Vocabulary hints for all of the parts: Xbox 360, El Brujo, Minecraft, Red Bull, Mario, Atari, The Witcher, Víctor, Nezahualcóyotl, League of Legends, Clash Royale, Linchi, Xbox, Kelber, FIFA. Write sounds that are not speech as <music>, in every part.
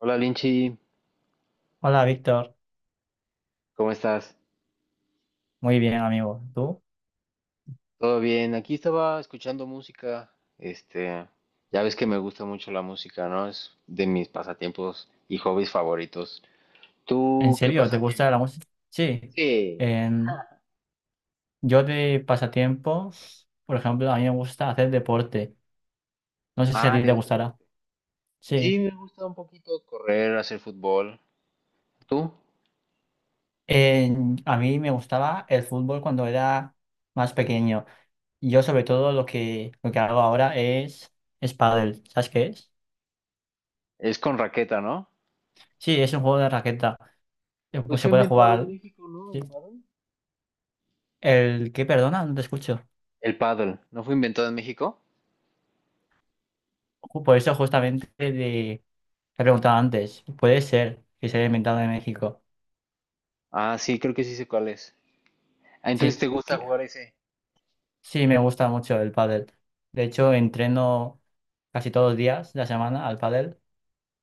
Hola Linchi, Hola, Víctor. ¿cómo estás? Muy bien, amigo. ¿Tú? ¿Todo bien? Aquí estaba escuchando música. Ya ves que me gusta mucho la música, ¿no? Es de mis pasatiempos y hobbies favoritos. ¿En ¿Tú qué serio? ¿Te gusta pasatiempos? la música? Sí. Sí. En- <laughs> yo de pasatiempos, por ejemplo, a mí me gusta hacer deporte. No sé si a Ah, ti ¿te te gusta el gustará. deporte? Sí. Sí, me gusta un poquito correr, hacer fútbol. ¿Tú? A mí me gustaba el fútbol cuando era más pequeño. Yo sobre todo lo que hago ahora es pádel. ¿Sabes qué es? Es con raqueta, ¿no? Sí, es un juego de raqueta. Pues Pues se fue puede inventado en jugar. México, ¿no? Sí. El pádel. ¿El qué? Perdona, no te escucho. El pádel, ¿no fue inventado en México? Por eso justamente de. Te he preguntado antes, puede ser que se haya inventado en México. Ah, sí, creo que sí sé cuál es. Ah, Sí, entonces te gusta que- jugar ese. sí, me gusta mucho el pádel. De hecho, entreno casi todos los días de la semana al pádel.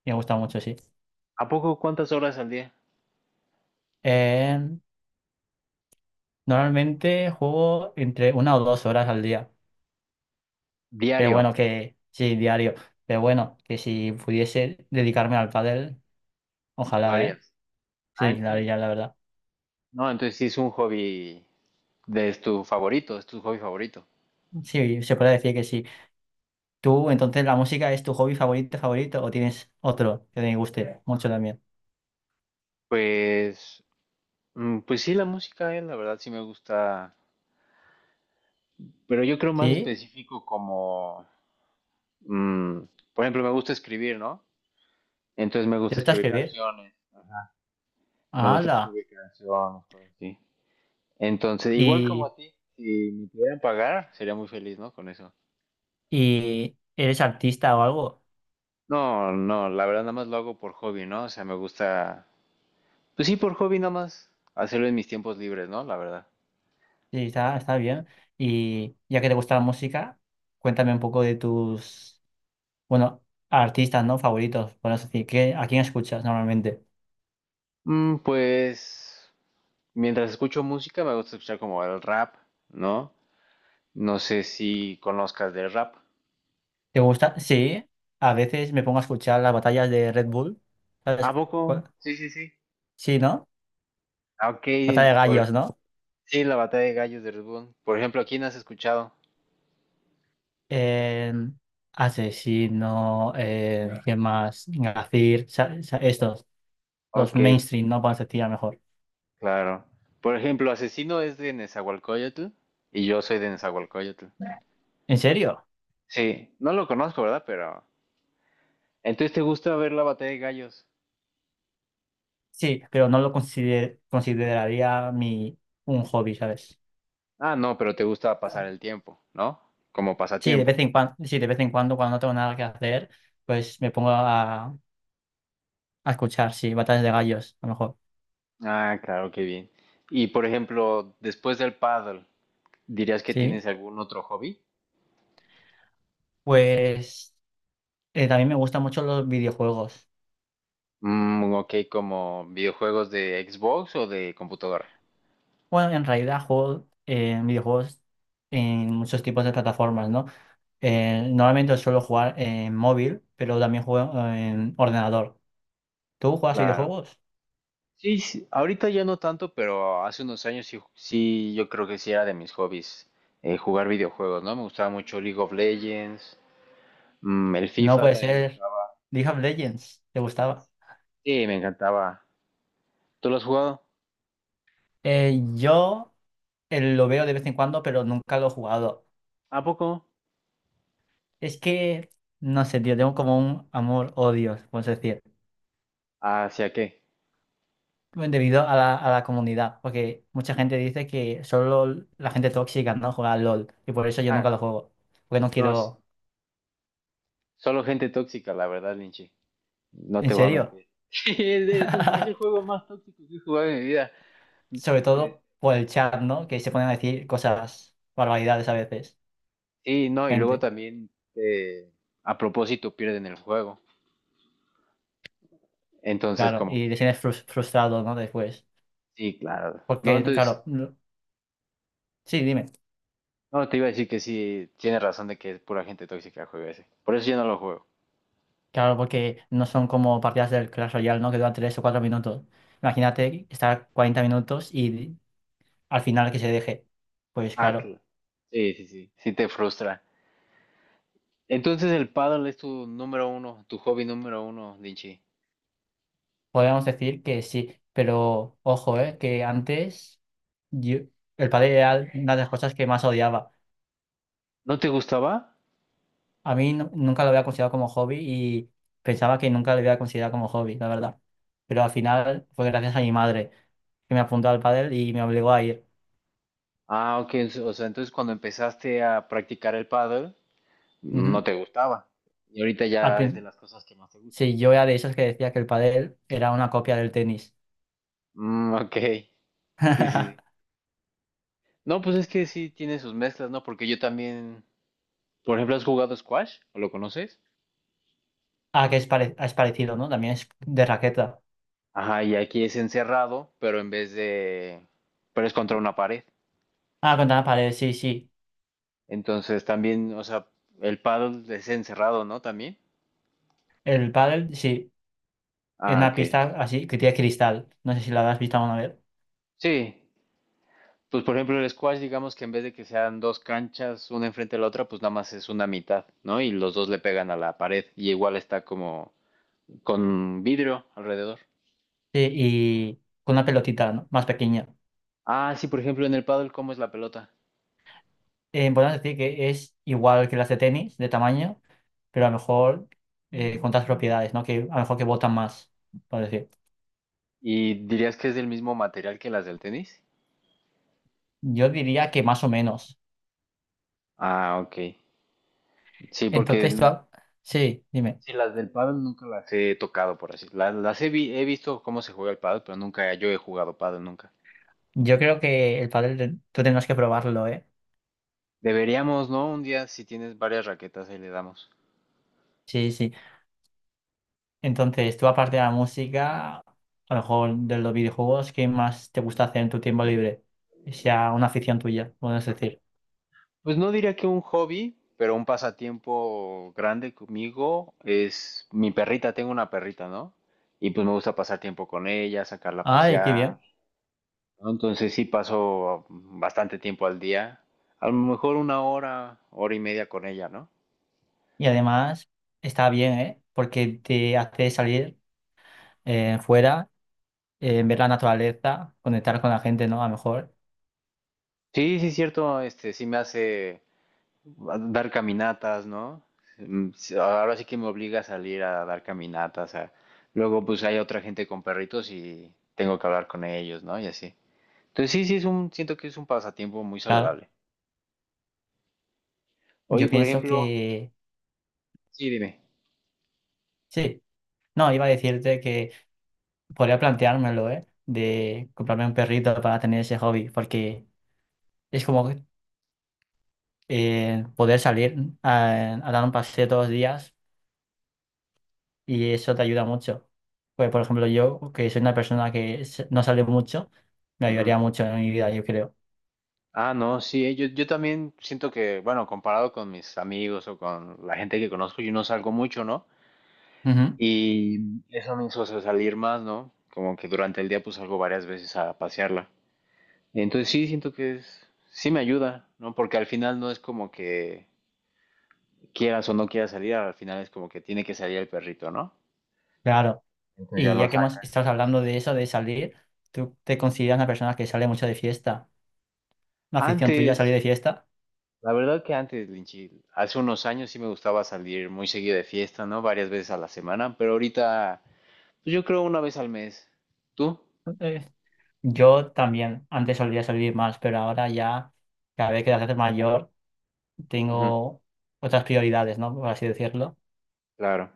Me gusta mucho, sí. ¿A poco cuántas horas al día? Eh, Normalmente juego entre 1 o 2 horas al día. Pero bueno, Diario. que sí, diario. Pero bueno, que si pudiese dedicarme al pádel, Lo ojalá, ¿eh? harías. Ah, Sí, ¿en serio? ya la verdad. No, entonces sí es un hobby de es tu favorito, es tu hobby favorito. Sí, se puede decir que sí. ¿Tú, entonces, la música es tu hobby favorito, favorito, o tienes otro que te guste mucho también? Pues, pues sí, la música, la verdad sí me gusta, pero yo creo más ¿Sí? específico como, mm, por ejemplo, me gusta escribir, ¿no? Entonces me ¿Te gusta gusta escribir escribir? canciones, ajá, me gusta ¡Hala! escribir canciones, cosas así. Entonces, igual como ¿Y, a ti, si me pudieran pagar, sería muy feliz, ¿no? Con eso. y eres artista o algo? No, no, la verdad nada más lo hago por hobby, ¿no? O sea, me gusta. Pues sí, por hobby nada más. Hacerlo en mis tiempos libres, ¿no? La verdad. Sí, está bien. Y ya que te gusta la música, cuéntame un poco de tus, bueno, artistas, ¿no? Favoritos, por así decir. ¿A quién escuchas normalmente? Mm, pues mientras escucho música me gusta escuchar como el rap, ¿no? No sé si conozcas del rap. ¿Te gusta? Sí. A veces me pongo a escuchar las batallas de Red Bull. ¿A ¿Sabes poco? cuál? Sí, sí, sí. Sí, ¿no? Ah, Ok, Batalla de por... gallos, ¿no? sí, la batalla de gallos de Red Bull. Por ejemplo, ¿a quién has escuchado? eh Asesino, ¿qué más? Gazir, estos, los Ok, mainstream, no parecería mejor. claro. Por ejemplo, Asesino es de Nezahualcóyotl y yo soy de Nezahualcóyotl. ¿En serio? Sí, no lo conozco, ¿verdad? Pero... Entonces, ¿te gusta ver la batalla de gallos? Sí, pero no lo consideraría un hobby, ¿sabes? Ah, no, pero te gusta pasar el tiempo, ¿no? Como Sí, de vez pasatiempo. en cuando, sí, de vez en cuando, cuando no tengo nada que hacer, pues me pongo a escuchar, sí, batallas de gallos, a lo mejor. Ah, claro, qué bien. Y por ejemplo, después del paddle, ¿dirías que Sí, tienes algún otro hobby? pues también me gustan mucho los videojuegos. Mm, ok, como videojuegos de Xbox o de computadora. Bueno, en realidad juego videojuegos en muchos tipos de plataformas, ¿no? Normalmente suelo jugar en móvil, pero también juego en ordenador. ¿Tú juegas Claro. videojuegos? Sí, sí, ahorita ya no tanto, pero hace unos años sí, sí, yo creo que sí era de mis hobbies jugar videojuegos, ¿no? Me gustaba mucho League of Legends, mm, el No FIFA puede también me ser. gustaba. League of Legends, ¿te gustaba? Sí, me encantaba. ¿Tú lo has jugado? Yo lo veo de vez en cuando, pero nunca lo he jugado. ¿A poco? Es que, no sé, tío, tengo como un amor-odio, puedes decir, ¿Hacia qué? debido a la comunidad, porque mucha gente dice que solo la gente tóxica no juega al LOL, y por eso yo nunca Ah. lo juego, porque no No, s- quiero. solo gente tóxica, la verdad, Linchi. No ¿En te voy a serio? mentir. <laughs> Sí, es un es el <laughs> juego más tóxico que he jugado en mi vida. Sobre Eh, todo por el chat, ¿no? Que se ponen a decir cosas, barbaridades a veces, sí, no, y luego gente, también a propósito pierden el juego. Entonces, claro, como y que te sientes frustrado, ¿no? Después, sí, claro. No, porque, entonces, claro, sí, dime, no, te iba a decir que sí, tienes razón de que es pura gente tóxica el juego ese. Por eso yo no lo juego. claro, porque no son como partidas del Clash Royale, ¿no? Que duran 3 o 4 minutos. Imagínate estar 40 minutos y al final que se deje. Pues Ah, claro, claro. Sí, sí, sí. Sí te frustra. Entonces el paddle es tu número uno, tu hobby número uno, Linchi. podríamos decir que sí, pero ojo, ¿eh? Que antes yo, el padre era una de las cosas que más odiaba. ¿No te gustaba? A mí nunca lo había considerado como hobby y pensaba que nunca lo había considerado como hobby, la verdad. Pero al final fue gracias a mi madre que me apuntó al pádel y me obligó a ir. Ah, ok. O sea, entonces cuando empezaste a practicar el pádel, no Ujú. te gustaba. Y ahorita Al ya es de prin- las cosas que más te gustan. sí, yo era de esos que decía que el pádel era una copia del tenis. Mm, ok. Sí, sí, sí. <laughs> No, pues es que sí tiene sus mezclas, ¿no? Porque yo también, por ejemplo, ¿has jugado squash? ¿O lo conoces? Ah, que es parecido, ¿no? También es de raqueta. Ajá, y aquí es encerrado, pero en vez de... pero es contra una pared. Ah, contra la pared, sí, sí. Entonces también, o sea, el paddle es encerrado, ¿no? También. El pádel, sí. En Ah, una ok. pista así, que tiene cristal. No sé si la habrás visto alguna vez. Sí, pues por ejemplo el squash, digamos que en vez de que sean dos canchas, una enfrente de la otra, pues nada más es una mitad, ¿no? Y los dos le pegan a la pared y igual está como con vidrio alrededor. Sí, y con una pelotita, ¿no? Más pequeña. Ah, sí, por ejemplo en el pádel ¿cómo es la pelota? Podemos decir que es igual que las de tenis, de tamaño, pero a lo mejor con otras propiedades, ¿no? Que a lo mejor que botan más, por decir. ¿Y dirías que es del mismo material que las del tenis? Yo diría que más o menos. Ah, ok. Sí, porque Entonces, el- sí, dime. sí, las del pádel nunca las he tocado, por así. He visto cómo se juega el pádel, pero nunca yo he jugado pádel nunca. Yo creo que el pádel tú tendrás que probarlo, ¿eh? Deberíamos, ¿no? Un día si tienes varias raquetas ahí le damos. Sí, sí. Entonces, tú aparte de la música, a lo mejor de los videojuegos, ¿qué más te gusta hacer en tu tiempo libre? Que sea una afición tuya, podemos decir. Pues no diría que un hobby, pero un pasatiempo grande conmigo es mi perrita, tengo una perrita, ¿no? Y pues me gusta pasar tiempo con ella, sacarla a Ay, qué pasear, bien. ¿no? Entonces sí paso bastante tiempo al día, a lo mejor una hora, hora y media con ella, ¿no? Y además, está bien, ¿eh? Porque te hace salir fuera ver la naturaleza, conectar con la gente, ¿no? A lo mejor, Sí, sí, es cierto, sí me hace dar caminatas, ¿no? Mm, sí, ahora sí que me obliga a salir a dar caminatas, a- luego pues hay otra gente con perritos y tengo que hablar con ellos, ¿no? Y así. Entonces sí, sí es un, siento que es un pasatiempo muy claro. saludable. Yo Oye, por pienso ejemplo, que sí, dime. sí. No, iba a decirte que podría planteármelo, ¿eh? De comprarme un perrito para tener ese hobby, porque es como poder salir a dar un paseo todos los días y eso te ayuda mucho. Pues, por ejemplo, yo, que soy una persona que no sale mucho, me Ujú. ayudaría mucho en mi vida, yo creo. Ah, no, sí, yo también siento que, bueno, comparado con mis amigos o con la gente que conozco, yo no salgo mucho, ¿no? Ujú, Y eso me hizo salir más, ¿no? Como que durante el día pues salgo varias veces a pasearla. Entonces sí, siento que es, sí me ayuda, ¿no? Porque al final no es como que quieras o no quieras salir, al final es como que tiene que salir el perrito, ¿no? claro. Entonces ya Y lo ya que hemos sacas. estado hablando de eso, de salir, ¿tú te consideras una persona que sale mucho de fiesta? Una afición tuya, Antes, salir de fiesta. la verdad que antes, Linchi, hace unos años sí me gustaba salir muy seguido de fiesta, ¿no? Varias veces a la semana, pero ahorita, pues yo creo una vez al mes. ¿Tú? Eh, yo también, antes solía salir más, pero ahora ya, cada vez que te haces mayor, Ujú, tengo otras prioridades, ¿no? Por así decirlo. claro.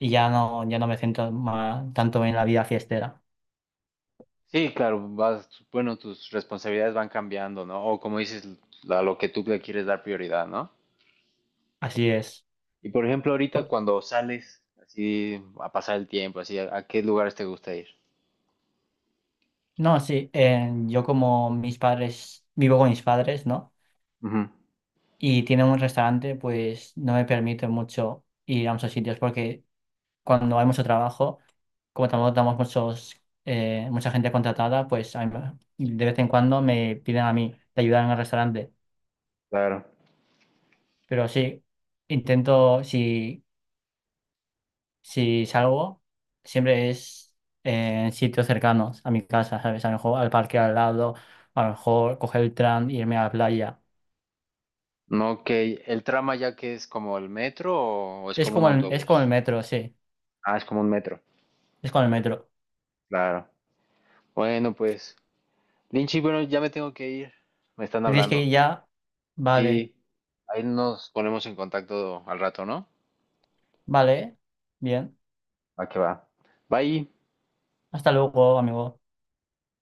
Y ya no, me centro tanto en la vida fiestera. Sí, claro, vas, bueno, tus responsabilidades van cambiando, ¿no? O como dices, a lo que tú le quieres dar prioridad, ¿no? Así es. Y por ejemplo, ahorita Por- cuando sales así a pasar el tiempo, así, ¿ a qué lugares te gusta ir? No, sí, yo como mis padres, vivo con mis padres, ¿no? Ujú, Y tienen un restaurante, pues no me permite mucho ir a muchos sitios porque cuando hay mucho trabajo, como tampoco damos muchos, mucha gente contratada, pues de vez en cuando me piden a mí de ayudar en el restaurante. claro. Pero sí, intento, si salgo, siempre es en sitios cercanos a mi casa, ¿sabes? A lo mejor al parque al lado, a lo mejor coger el tram e irme a la playa. No, ok. ¿El trama ya que es como el metro o es Es como un como el, es con el autobús? metro, sí, Ah, es como un metro. es con el metro. Claro. Bueno, pues, Linchi, bueno, ya me tengo que ir. Me están Dices hablando. que ya, vale, Sí, ahí nos ponemos en contacto al rato, ¿no? vale, bien. Va que va. Bye. Hasta luego, amigo.